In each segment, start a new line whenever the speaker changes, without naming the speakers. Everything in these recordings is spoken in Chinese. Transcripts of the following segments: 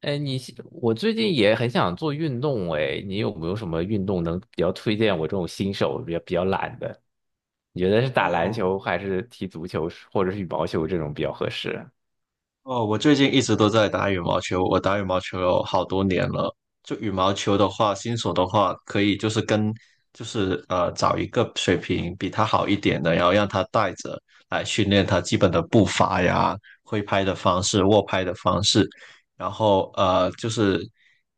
哎，你是我最近也很想做运动哎，你有没有什么运动能比较推荐我这种新手比较懒的？你觉得是打篮
哦
球还是踢足球或者是羽毛球这种比较合适？
哦，我最近一直都在打羽毛球，我打羽毛球有好多年了。就羽毛球的话，新手的话，可以就是找一个水平比他好一点的，然后让他带着来训练他基本的步伐呀、挥拍的方式、握拍的方式，然后就是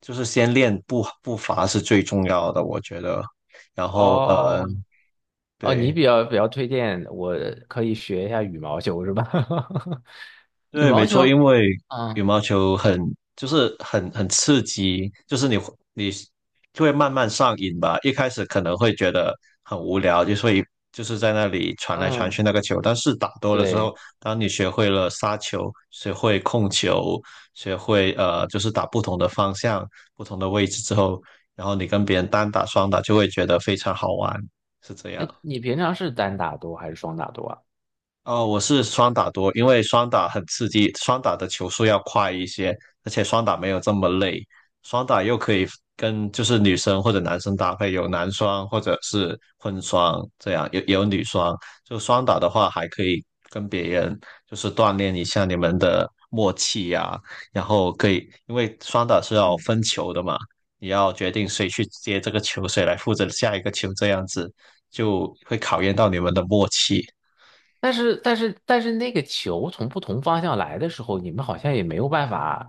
就是先练步伐是最重要的，我觉得。然后呃
哦哦，你
对。
比较推荐我可以学一下羽毛球是吧？羽
对，没
毛
错，
球，
因为羽
嗯
毛球很刺激，就是你就会慢慢上瘾吧。一开始可能会觉得很无聊，就所以就是在那里传来传
嗯，
去那个球。但是打多了之
对。
后，当你学会了杀球，学会控球，学会就是打不同的方向、不同的位置之后，然后你跟别人单打、双打就会觉得非常好玩，是这
哎，
样。
你平常是单打多还是双打多啊？
哦，我是双打多，因为双打很刺激，双打的球速要快一些，而且双打没有这么累，双打又可以跟就是女生或者男生搭配，有男双或者是混双这样，有女双，就双打的话还可以跟别人就是锻炼一下你们的默契呀、然后可以因为双打是要分球的嘛，你要决定谁去接这个球，谁来负责下一个球，这样子就会考验到你们的默契。
但是那个球从不同方向来的时候，你们好像也没有办法，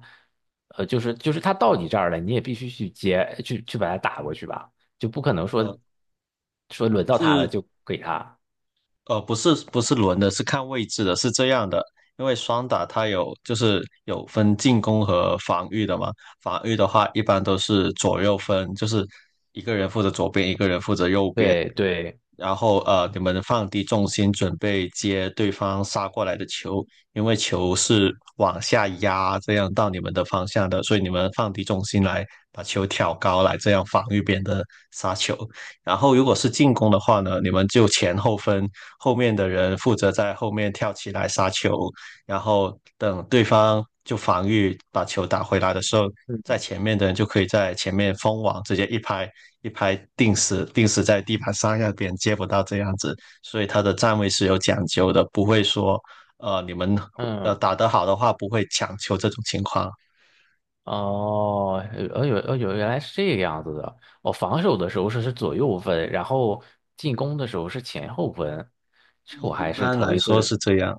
呃，就是他到你这儿了，你也必须去接，去把它打过去吧，就不可能说轮到他了
是
就给他。
不是轮的，是看位置的，是这样的。因为双打它有就是有分进攻和防御的嘛，防御的话一般都是左右分，就是一个人负责左边，一个人负责右边，
对对，
然后你们放低重心准备接对方杀过来的球，因为球是往下压这样到你们的方向的，所以你们放低重心来把球挑高来这样防御别人的杀球。然后如果是进攻的话呢，你们就前后分，后面的人负责在后面跳起来杀球，然后等对方就防御把球打回来的时候，在
嗯
前面的人就可以在前面封网，直接一拍定死，定死在地板上，让别人接不到这样子。所以他的站位是有讲究的，不会说。你们
嗯，
打得好的话，不会抢球这种情况，
哦，呃有，原来是这个样子的。我防守的时候是左右分，然后进攻的时候是前后分，这个我
一
还是
般
头
来
一
说
次。
是这样。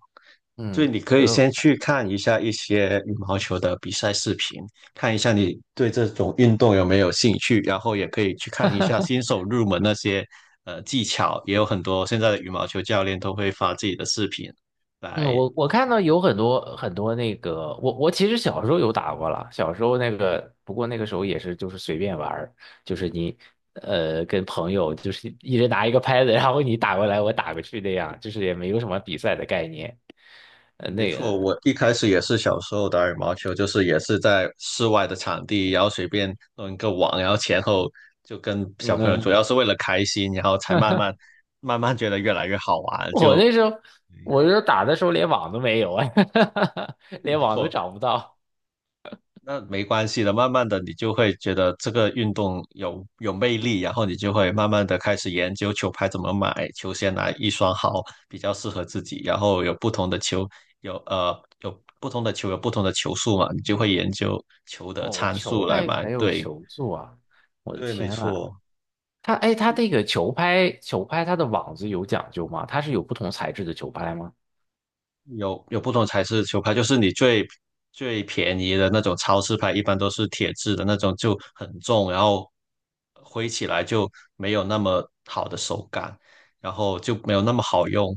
就
嗯，
你可
这
以先
个。
去看一下一些羽毛球的比赛视频，看一下你对这种运动有没有兴趣，然后也可以去看一下新手入门那些技巧，也有很多现在的羽毛球教练都会发自己的视频
嗯，
来。
我看到有很多那个，我其实小时候有打过了，小时候那个，不过那个时候也是就是随便玩儿，就是你呃跟朋友就是一人拿一个拍子，然后你打过来我打过去那样，就是也没有什么比赛的概念。呃，
没
那
错，
个，
我一开始也是小时候打羽毛球，就是也是在室外的场地，然后随便弄一个网，然后前后就跟小朋友，主
嗯，
要是为了开心，然后才慢慢觉得越来越好 玩，
我
就
那时候我那时候打的时候连网都没有啊，连网都
错。
找不到。
那没关系的，慢慢的你就会觉得这个运动有魅力，然后你就会慢慢的开始研究球拍怎么买，球鞋哪一双好比较适合自己，然后有不同的球，有呃有不同的球速嘛，你就会研究球的
哦，
参
球
数来
还
买。
还有
对，
球座啊，我的
对，没
天呐！
错。
它哎，它这个球拍它的网子有讲究吗？它是有不同材质的球拍吗？
有不同材质的球拍，就是你最便宜的那种超市拍，一般都是铁质的那种，就很重，然后挥起来就没有那么好的手感，然后就没有那么好用，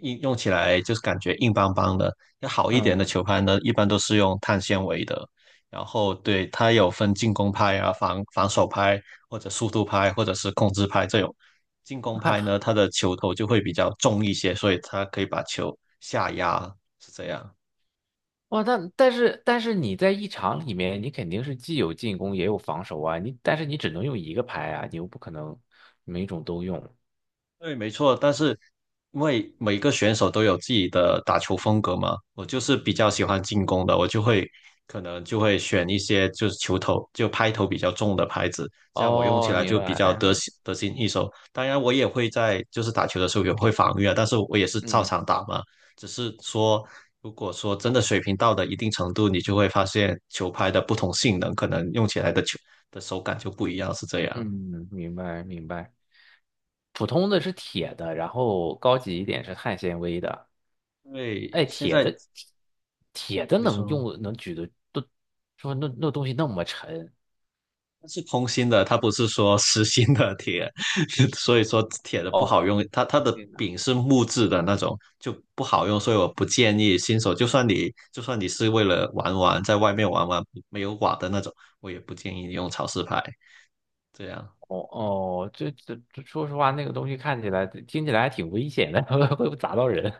硬用起来就是感觉硬邦邦的。要好一点的
嗯，
球拍呢，一般都是用碳纤维的，然后对，它有分进攻拍啊、防守拍，或者速度拍，或者是控制拍这种。进攻拍
还
呢，它的球头就会比较重一些，所以它可以把球下压，是这样。
哇，但是你在一场里面，你肯定是既有进攻也有防守啊，你但是你只能用一个拍啊，你又不可能每种都用。
对，没错，但是因为每个选手都有自己的打球风格嘛，我就是比较喜欢进攻的，我就会可能就会选一些就是球头就拍头比较重的拍子，这样我用起
哦，
来
明
就比较
白，
得心应手。当然，我也会在就是打球的时候也会防御啊，但是我也是照
嗯
常打嘛，只是说如果说真的水平到了一定程度，你就会发现球拍的不同性能，可能用起来的球的手感就不一样，是这样。
嗯，明白明白。普通的是铁的，然后高级一点是碳纤维的。
因为
哎，
现
铁
在
的铁的
你
能
说。
用能举的都说那那东西那么沉。
它是空心的，它不是说实心的铁，所以说铁的不
哦，
好用，它它的
天呐，
柄是木质的那种，就不好用，所以我不建议新手，就算你是为了玩玩，在外面玩玩没有瓦的那种，我也不建议你用潮湿牌这样。
哦哦，这，说实话，那个东西看起来、听起来还挺危险的，会不会砸到人？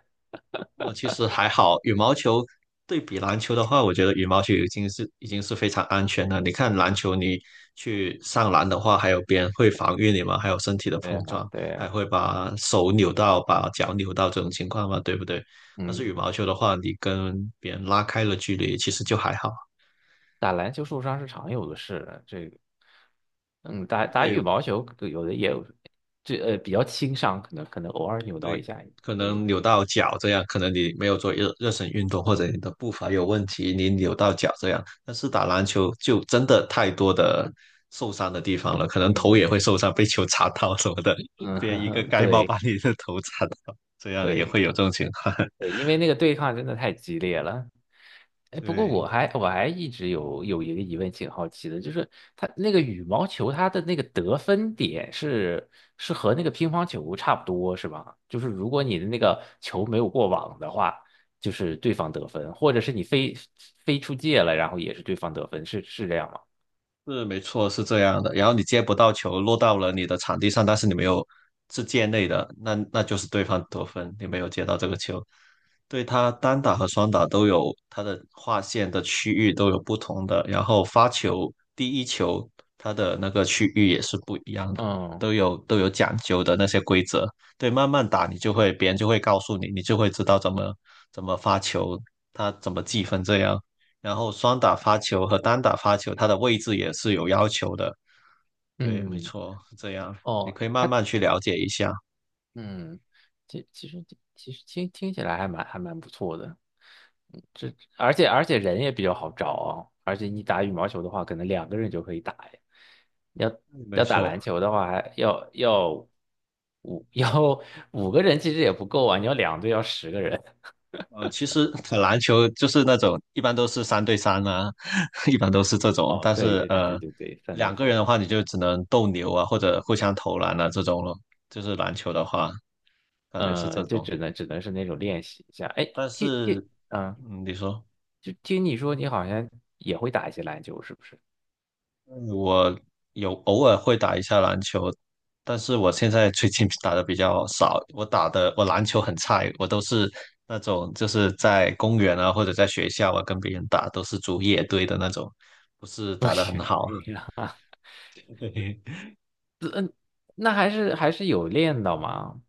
哦，其实还好，羽毛球对比篮球的话，我觉得羽毛球已经是非常安全了。你看篮球，你去上篮的话，还有别人会防御你嘛，还有身体的
对
碰
呀，
撞，
对
还
呀，
会把手扭到、把脚扭到这种情况嘛，对不对？但是羽
嗯，
毛球的话，你跟别人拉开了距离，其实就还好。
打篮球受伤是常有的事，这个，嗯，打
对，
羽毛球有的也有，这呃比较轻伤，可能偶尔扭到一
对，
下也
可
会有。
能扭到脚这样，可能你没有做热身运动，或者你的步伐有问题，你扭到脚这样。但是打篮球就真的太多的受伤的地方了，可能头
嗯
也会受伤，被球砸到什么的，别人一个
嗯，
盖帽
对
把你的头砸到，这样也
对
会有这种情况。
对，因为那个对抗真的太激烈了。哎，不过我
对。
还我还一直有一个疑问，挺好奇的，就是它那个羽毛球，它的那个得分点是和那个乒乓球差不多是吧？就是如果你的那个球没有过网的话，就是对方得分，或者是你飞出界了，然后也是对方得分，是这样吗？
是没错，是这样的。然后你接不到球，落到了你的场地上，但是你没有是界内的，那那就是对方得分，你没有接到这个球。对他单打和双打都有他的划线的区域都有不同的，然后发球第一球他的那个区域也是不一样的，
嗯
都有都有讲究的那些规则。对，慢慢打你就会，别人就会告诉你，你就会知道怎么发球，他怎么计分这样。然后双打发球和单打发球，它的位置也是有要求的。对，没
嗯，
错，是这样，你
哦，
可以慢慢去了解一下。
嗯，其实其实听起来还蛮不错的，嗯，这而且人也比较好找啊，而且你打羽毛球的话，可能两个人就可以打呀。要
嗯没
要打
错，
篮球的话，还要五 要五个人其实也不够啊，你要两队要十个人。
其实篮球就是那种一般都是三对三啊，一般都是这种，
哦，
但
对
是
对对对
呃，
对对，三对
两个人
三，
的话你就只能斗牛啊，或者互相投篮啊这种咯。就是篮球的话，感觉是这
嗯，就
种，
只能只能是那种练习一下。哎，
但
听听，
是，
嗯，
嗯，你说。
就听你说你好像也会打一些篮球，是不是？
我有偶尔会打一下篮球，但是我现在最近打的比较少。我打的我篮球很菜，我都是那种就是在公园啊或者在学校啊跟别人打，都是组野队的那种，不是 打得很
行，我
好。
对，对啊。
嘿嘿，
那还是有练到嘛。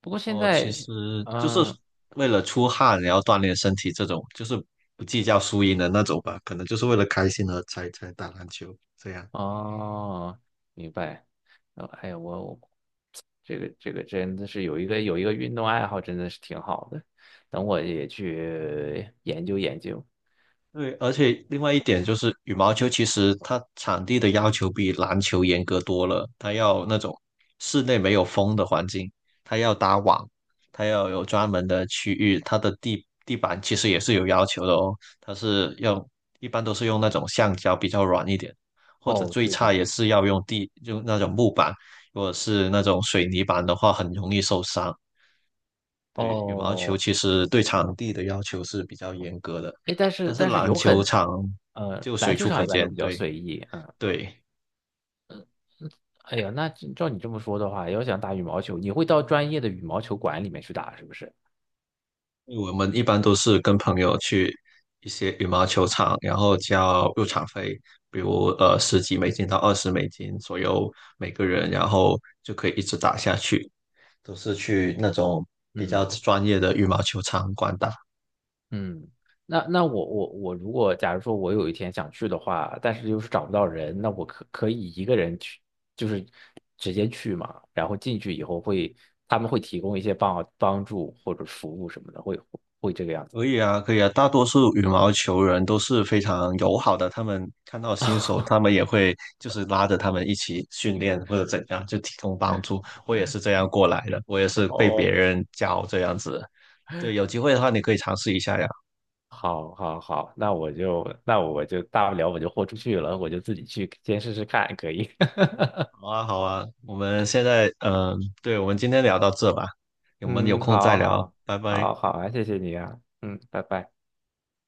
不过现
哦，其
在，
实就是
嗯，
为了出汗，然后锻炼身体这种，就是不计较输赢的那种吧，可能就是为了开心才打篮球这样。
哦，明白。呃哎呀，我这个真的是有一个运动爱好，真的是挺好的。等我也去研究研究。
对，而且另外一点就是，羽毛球其实它场地的要求比篮球严格多了，它要那种室内没有风的环境，它要搭网，它要有专门的区域，它的地板其实也是有要求的哦，它是要一般都是用那种橡胶比较软一点，或者
哦，
最
对对
差也
对，
是要用地，用那种木板，如果是那种水泥板的话，很容易受伤。对，羽毛球
哦，
其实对场地的要求是比较严格的，
哎，但
但
是
是
但是
篮
有
球
很，
场
呃，
就
篮
随
球
处
场
可
一般都
见。
比较
对
随意，嗯，
对，
哎呀，那照你这么说的话，要想打羽毛球，你会到专业的羽毛球馆里面去打，是不是？
因为我们一般都是跟朋友去一些羽毛球场，然后交入场费，比如10几美金到20美金左右每个人，然后就可以一直打下去。都是去那种比较
嗯。
专业的羽毛球场馆打，
嗯，那那我如果假如说我有一天想去的话，但是又是找不到人，那我可以一个人去，就是直接去嘛，然后进去以后会他们会提供一些帮助或者服务什么的，会会这个样子。
可以啊，可以啊，大多数羽毛球人都是非常友好的，他们看到新手，他 们也会就是拉着他们一起训练或者怎样，就提供帮助。我也是这样过来的，我也是被别
哦，
人教这样子。对，有机会的话你可以尝试一下呀。
好，好，好，那我就大不了我就豁出去了，我就自己去先试试看，可以。
好啊，好啊，我们现在对，我们今天聊到这吧，我们有
嗯，
空再
好，
聊，
好，
拜拜。
好，好啊，谢谢你啊，嗯，拜拜。